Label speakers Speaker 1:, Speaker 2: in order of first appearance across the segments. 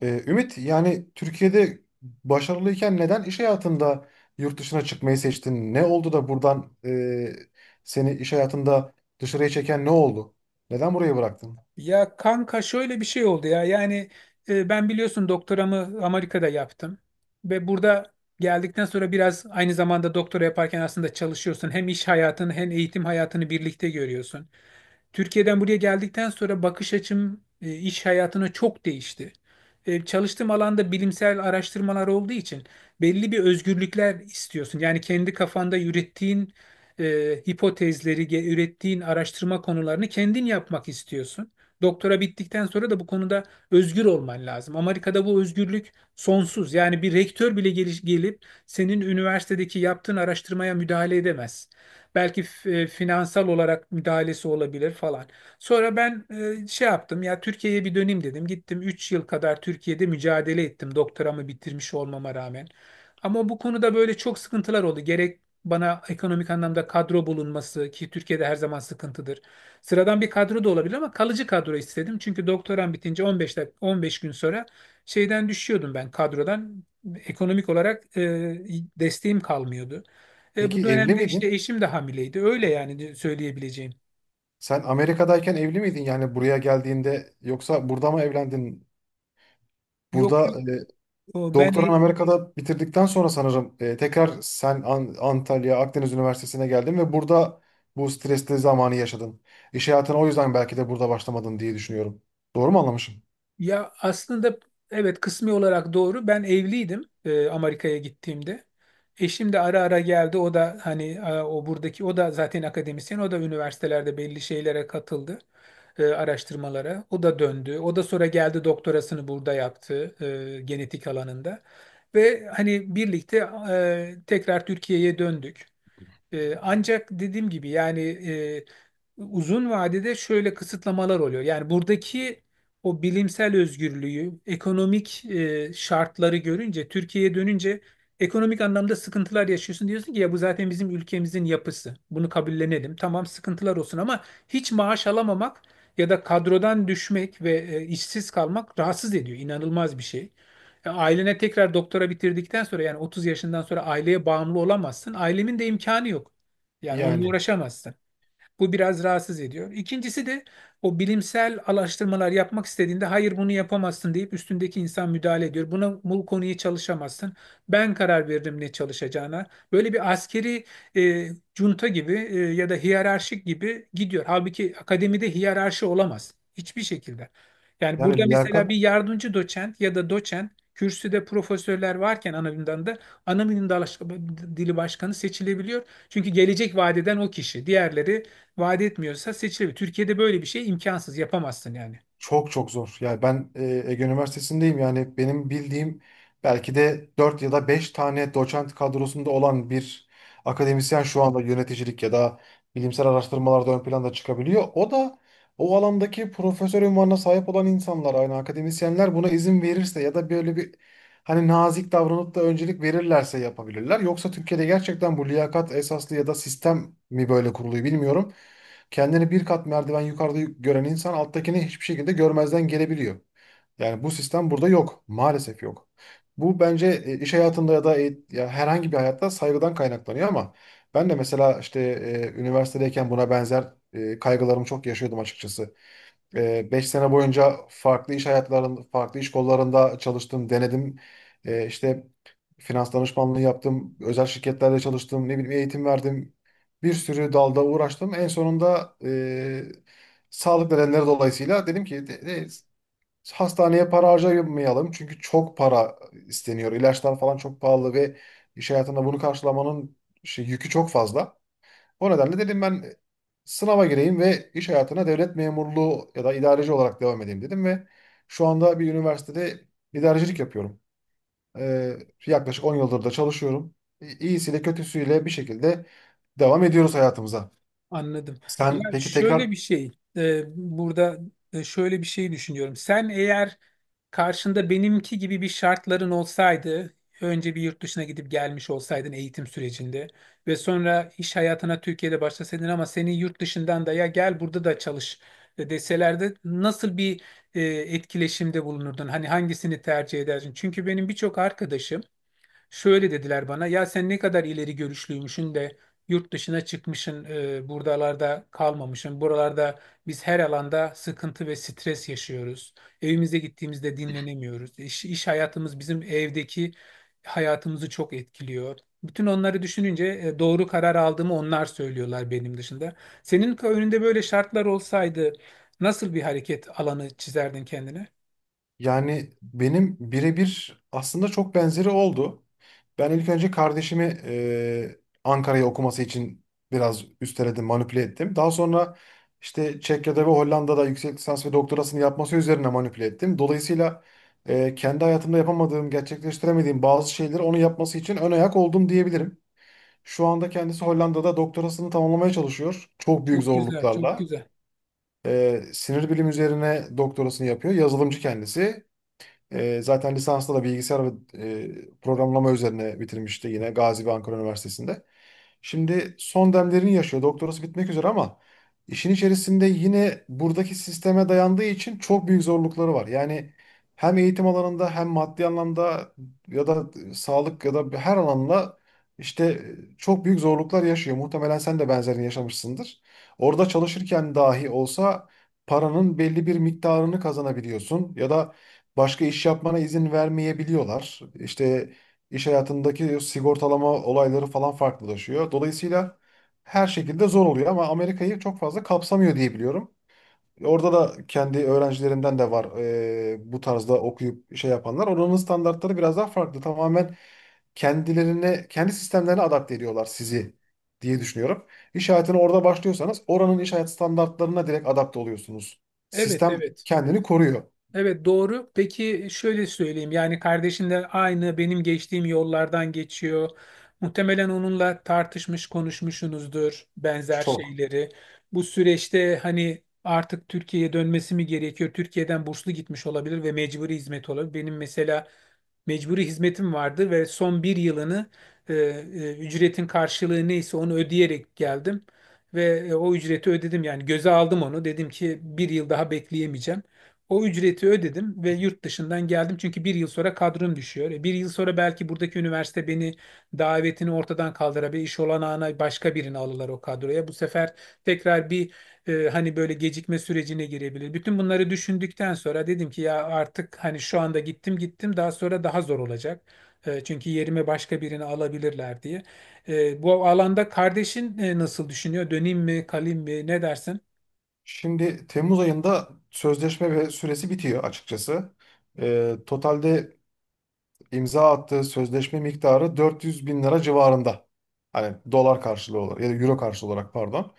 Speaker 1: Ümit, yani Türkiye'de başarılıyken neden iş hayatında yurt dışına çıkmayı seçtin? Ne oldu da buradan seni iş hayatında dışarıya çeken ne oldu? Neden burayı bıraktın?
Speaker 2: Ya kanka şöyle bir şey oldu ya. Ben biliyorsun doktoramı Amerika'da yaptım. Ve burada geldikten sonra biraz aynı zamanda doktora yaparken aslında çalışıyorsun. Hem iş hayatını hem eğitim hayatını birlikte görüyorsun. Türkiye'den buraya geldikten sonra bakış açım iş hayatına çok değişti. Çalıştığım alanda bilimsel araştırmalar olduğu için belli bir özgürlükler istiyorsun. Yani kendi kafanda ürettiğin e, hipotezleri, ürettiğin araştırma konularını kendin yapmak istiyorsun. Doktora bittikten sonra da bu konuda özgür olman lazım. Amerika'da bu özgürlük sonsuz. Yani bir rektör bile gelip senin üniversitedeki yaptığın araştırmaya müdahale edemez. Belki finansal olarak müdahalesi olabilir falan. Sonra ben şey yaptım ya, Türkiye'ye bir döneyim dedim. Gittim 3 yıl kadar Türkiye'de mücadele ettim doktoramı bitirmiş olmama rağmen. Ama bu konuda böyle çok sıkıntılar oldu. Gerek bana ekonomik anlamda kadro bulunması ki Türkiye'de her zaman sıkıntıdır. Sıradan bir kadro da olabilir ama kalıcı kadro istedim. Çünkü doktoram bitince 15 15 gün sonra şeyden düşüyordum ben kadrodan. Ekonomik olarak desteğim kalmıyordu.
Speaker 1: Peki
Speaker 2: Bu
Speaker 1: evli
Speaker 2: dönemde işte
Speaker 1: miydin?
Speaker 2: eşim de hamileydi. Öyle yani söyleyebileceğim.
Speaker 1: Sen Amerika'dayken evli miydin, yani buraya geldiğinde yoksa burada mı evlendin?
Speaker 2: Yok
Speaker 1: Burada
Speaker 2: yok,
Speaker 1: e,
Speaker 2: o ben
Speaker 1: Doktoran
Speaker 2: e-
Speaker 1: Amerika'da bitirdikten sonra sanırım tekrar sen Antalya Akdeniz Üniversitesi'ne geldin ve burada bu stresli zamanı yaşadın. İş hayatına o yüzden belki de burada başlamadın diye düşünüyorum. Doğru mu anlamışım?
Speaker 2: Ya aslında evet, kısmi olarak doğru. Ben evliydim Amerika'ya gittiğimde. Eşim de ara ara geldi. O da hani, o buradaki, o da zaten akademisyen. O da üniversitelerde belli şeylere katıldı. Araştırmalara. O da döndü. O da sonra geldi doktorasını burada yaptı genetik alanında. Ve hani birlikte tekrar Türkiye'ye döndük. Ancak dediğim gibi yani uzun vadede şöyle kısıtlamalar oluyor. Yani buradaki o bilimsel özgürlüğü, ekonomik şartları görünce, Türkiye'ye dönünce ekonomik anlamda sıkıntılar yaşıyorsun. Diyorsun ki ya bu zaten bizim ülkemizin yapısı. Bunu kabullenelim. Tamam sıkıntılar olsun ama hiç maaş alamamak ya da kadrodan düşmek ve işsiz kalmak rahatsız ediyor. İnanılmaz bir şey. Ya ailene tekrar doktora bitirdikten sonra yani 30 yaşından sonra aileye bağımlı olamazsın. Ailemin de imkanı yok. Yani onunla
Speaker 1: Yani
Speaker 2: uğraşamazsın. Bu biraz rahatsız ediyor. İkincisi de o bilimsel araştırmalar yapmak istediğinde hayır bunu yapamazsın deyip üstündeki insan müdahale ediyor. Buna bu konuyu çalışamazsın. Ben karar verdim ne çalışacağına. Böyle bir askeri e, junta gibi ya da hiyerarşik gibi gidiyor. Halbuki akademide hiyerarşi olamaz hiçbir şekilde. Yani
Speaker 1: yani,
Speaker 2: burada mesela
Speaker 1: liyakat.
Speaker 2: bir yardımcı doçent ya da doçent kürsüde profesörler varken ana bilimden de ana bilim dili başkanı seçilebiliyor. Çünkü gelecek vadeden o kişi. Diğerleri vaat etmiyorsa seçilebilir. Türkiye'de böyle bir şey imkansız, yapamazsın yani.
Speaker 1: Çok çok zor. Yani ben Ege Üniversitesi'ndeyim. Yani benim bildiğim belki de 4 ya da 5 tane doçent kadrosunda olan bir akademisyen şu anda yöneticilik ya da bilimsel araştırmalarda ön planda çıkabiliyor. O da o alandaki profesör unvanına sahip olan insanlar, aynı akademisyenler buna izin verirse ya da böyle bir hani nazik davranıp da öncelik verirlerse yapabilirler. Yoksa Türkiye'de gerçekten bu liyakat esaslı ya da sistem mi böyle kuruluyor bilmiyorum. Kendini bir kat merdiven yukarıda gören insan alttakini hiçbir şekilde görmezden gelebiliyor. Yani bu sistem burada yok. Maalesef yok. Bu bence iş hayatında ya da ya herhangi bir hayatta saygıdan kaynaklanıyor, ama ben de mesela işte üniversitedeyken buna benzer kaygılarımı çok yaşıyordum açıkçası. 5 sene boyunca farklı iş hayatlarında, farklı iş kollarında çalıştım, denedim. E, işte finans danışmanlığı yaptım, özel şirketlerde çalıştım, ne bileyim eğitim verdim. Bir sürü dalda uğraştım. En sonunda sağlık nedenleri dolayısıyla dedim ki hastaneye para harcamayalım. Çünkü çok para isteniyor. İlaçlar falan çok pahalı ve iş hayatında bunu karşılamanın şey, yükü çok fazla. O nedenle dedim ben sınava gireyim ve iş hayatına devlet memurluğu ya da idareci olarak devam edeyim dedim ve şu anda bir üniversitede idarecilik yapıyorum. Ee, yaklaşık 10 yıldır da çalışıyorum. İyisiyle kötüsüyle bir şekilde devam ediyoruz hayatımıza.
Speaker 2: Anladım.
Speaker 1: Sen
Speaker 2: Ya
Speaker 1: peki
Speaker 2: şöyle
Speaker 1: tekrar.
Speaker 2: bir şey, burada, şöyle bir şey düşünüyorum. Sen eğer karşında benimki gibi bir şartların olsaydı, önce bir yurt dışına gidip gelmiş olsaydın eğitim sürecinde ve sonra iş hayatına Türkiye'de başlasaydın ama seni yurt dışından da ya gel burada da çalış deselerdi nasıl bir etkileşimde bulunurdun? Hani hangisini tercih ederdin? Çünkü benim birçok arkadaşım şöyle dediler bana, ya sen ne kadar ileri görüşlüymüşün de yurt dışına çıkmışsın, buradalarda kalmamışsın. Buralarda biz her alanda sıkıntı ve stres yaşıyoruz. Evimize gittiğimizde dinlenemiyoruz. İş, iş hayatımız bizim evdeki hayatımızı çok etkiliyor. Bütün onları düşününce doğru karar aldığımı onlar söylüyorlar benim dışında. Senin önünde böyle şartlar olsaydı nasıl bir hareket alanı çizerdin kendine?
Speaker 1: Yani benim birebir aslında çok benzeri oldu. Ben ilk önce kardeşimi Ankara'ya okuması için biraz üsteledim, manipüle ettim. Daha sonra işte Çekya'da ve Hollanda'da yüksek lisans ve doktorasını yapması üzerine manipüle ettim. Dolayısıyla kendi hayatımda yapamadığım, gerçekleştiremediğim bazı şeyleri onun yapması için ön ayak oldum diyebilirim. Şu anda kendisi Hollanda'da doktorasını tamamlamaya çalışıyor. Çok büyük
Speaker 2: Çok güzel, çok
Speaker 1: zorluklarla.
Speaker 2: güzel.
Speaker 1: Sinir bilim üzerine doktorasını yapıyor. Yazılımcı kendisi. Zaten lisansta da bilgisayar ve programlama üzerine bitirmişti yine Gazi ve Ankara Üniversitesi'nde. Şimdi son demlerini yaşıyor. Doktorası bitmek üzere, ama işin içerisinde yine buradaki sisteme dayandığı için çok büyük zorlukları var. Yani hem eğitim alanında hem maddi anlamda ya da sağlık ya da her alanla işte çok büyük zorluklar yaşıyor. Muhtemelen sen de benzerini yaşamışsındır. Orada çalışırken dahi olsa paranın belli bir miktarını kazanabiliyorsun ya da başka iş yapmana izin vermeyebiliyorlar. İşte iş hayatındaki sigortalama olayları falan farklılaşıyor. Dolayısıyla her şekilde zor oluyor, ama Amerika'yı çok fazla kapsamıyor diye biliyorum. Orada da kendi öğrencilerimden de var bu tarzda okuyup şey yapanlar. Oranın standartları biraz daha farklı. Tamamen kendilerine, kendi sistemlerine adapte ediyorlar sizi diye düşünüyorum. İş hayatına orada başlıyorsanız oranın iş hayat standartlarına direkt adapte oluyorsunuz.
Speaker 2: Evet,
Speaker 1: Sistem
Speaker 2: evet.
Speaker 1: kendini koruyor
Speaker 2: Evet doğru. Peki şöyle söyleyeyim. Yani kardeşin de aynı benim geçtiğim yollardan geçiyor. Muhtemelen onunla tartışmış, konuşmuşsunuzdur benzer
Speaker 1: çok.
Speaker 2: şeyleri. Bu süreçte hani artık Türkiye'ye dönmesi mi gerekiyor? Türkiye'den burslu gitmiş olabilir ve mecburi hizmet olabilir. Benim mesela mecburi hizmetim vardı ve son bir yılını ücretin karşılığı neyse onu ödeyerek geldim. Ve o ücreti ödedim yani göze aldım onu. Dedim ki bir yıl daha bekleyemeyeceğim. O ücreti ödedim ve yurt dışından geldim çünkü bir yıl sonra kadrom düşüyor. Bir yıl sonra belki buradaki üniversite beni davetini ortadan kaldırabilir, iş olanağına başka birini alırlar o kadroya. Bu sefer tekrar bir hani böyle gecikme sürecine girebilir. Bütün bunları düşündükten sonra dedim ki ya artık hani şu anda gittim gittim daha sonra daha zor olacak. Çünkü yerime başka birini alabilirler diye. Bu alanda kardeşin nasıl düşünüyor? Döneyim mi, kalayım mı? Ne dersin?
Speaker 1: Şimdi Temmuz ayında sözleşme ve süresi bitiyor açıkçası. Totalde imza attığı sözleşme miktarı 400 bin lira civarında. Hani dolar karşılığı olarak ya da euro karşılığı olarak pardon.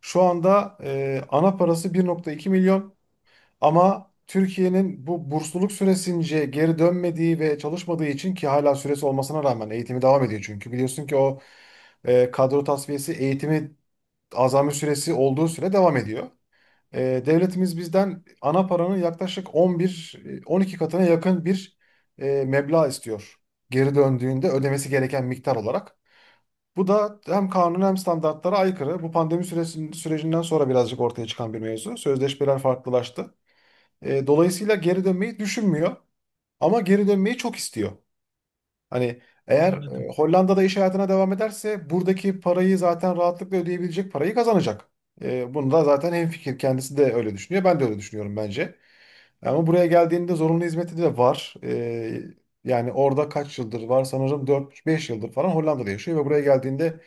Speaker 1: Şu anda ana parası 1,2 milyon, ama Türkiye'nin bu bursluluk süresince geri dönmediği ve çalışmadığı için, ki hala süresi olmasına rağmen eğitimi devam ediyor çünkü biliyorsun ki o kadro tasfiyesi eğitimi azami süresi olduğu süre devam ediyor. Devletimiz bizden ana paranın yaklaşık 11, 12 katına yakın bir meblağ istiyor. Geri döndüğünde ödemesi gereken miktar olarak. Bu da hem kanun hem standartlara aykırı. Bu pandemi sürecinden sonra birazcık ortaya çıkan bir mevzu. Sözleşmeler farklılaştı. Dolayısıyla geri dönmeyi düşünmüyor, ama geri dönmeyi çok istiyor. Hani eğer
Speaker 2: Anladım.
Speaker 1: Hollanda'da iş hayatına devam ederse buradaki parayı zaten rahatlıkla ödeyebilecek parayı kazanacak. Bunu da zaten hemfikir kendisi de öyle düşünüyor. Ben de öyle düşünüyorum bence. Ama buraya geldiğinde zorunlu hizmeti de var. Yani orada kaç yıldır var sanırım 4-5 yıldır falan Hollanda'da yaşıyor ve buraya geldiğinde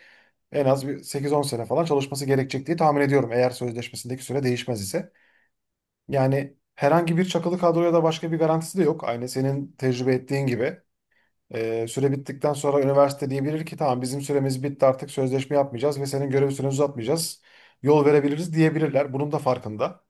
Speaker 1: en az bir 8-10 sene falan çalışması gerekecek diye tahmin ediyorum, eğer sözleşmesindeki süre değişmez ise. Yani herhangi bir çakılı kadroya da başka bir garantisi de yok. Aynı senin tecrübe ettiğin gibi. Süre bittikten sonra üniversite diyebilir ki tamam bizim süremiz bitti, artık sözleşme yapmayacağız ve senin görev süreni uzatmayacağız. Yol verebiliriz diyebilirler. Bunun da farkında.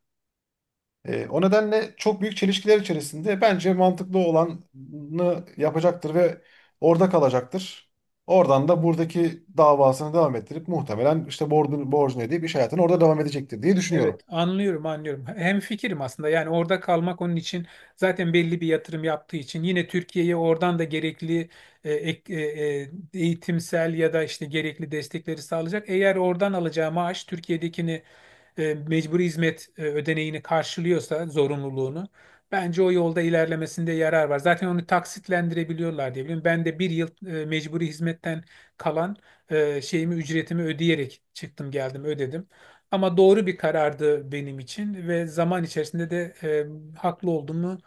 Speaker 1: O nedenle çok büyük çelişkiler içerisinde bence mantıklı olanı yapacaktır ve orada kalacaktır. Oradan da buradaki davasını devam ettirip muhtemelen işte borcunu ödeyip iş hayatına orada devam edecektir diye
Speaker 2: Evet,
Speaker 1: düşünüyorum.
Speaker 2: anlıyorum, anlıyorum. Hem fikirim aslında. Yani orada kalmak onun için zaten belli bir yatırım yaptığı için yine Türkiye'ye oradan da gerekli e, ek- e, eğitimsel ya da işte gerekli destekleri sağlayacak. Eğer oradan alacağı maaş Türkiye'dekini mecburi hizmet ödeneğini karşılıyorsa zorunluluğunu bence o yolda ilerlemesinde yarar var. Zaten onu taksitlendirebiliyorlar diye biliyorum. Ben de bir yıl mecburi hizmetten kalan şeyimi ücretimi ödeyerek çıktım geldim ödedim. Ama doğru bir karardı benim için ve zaman içerisinde de haklı olduğumu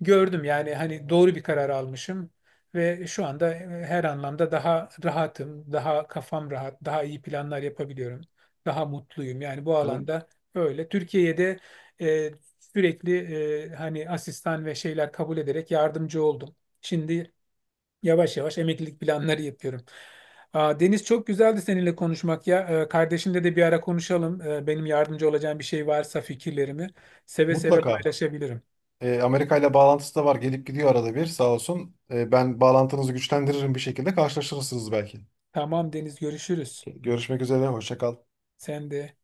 Speaker 2: gördüm. Yani hani doğru bir karar almışım ve şu anda her anlamda daha rahatım, daha kafam rahat, daha iyi planlar yapabiliyorum, daha mutluyum. Yani bu
Speaker 1: Yani
Speaker 2: alanda öyle. Türkiye'de e, sürekli, hani asistan ve şeyler kabul ederek yardımcı oldum. Şimdi yavaş yavaş emeklilik planları yapıyorum. Aa, Deniz çok güzeldi seninle konuşmak ya. Kardeşimle de bir ara konuşalım. Benim yardımcı olacağım bir şey varsa fikirlerimi seve seve
Speaker 1: mutlaka.
Speaker 2: paylaşabilirim.
Speaker 1: Amerika ile bağlantısı da var. Gelip gidiyor arada bir, sağ olsun. Ben bağlantınızı güçlendiririm bir şekilde. Karşılaşırsınız belki.
Speaker 2: Tamam Deniz, görüşürüz.
Speaker 1: Görüşmek üzere. Hoşça kal.
Speaker 2: Sen de.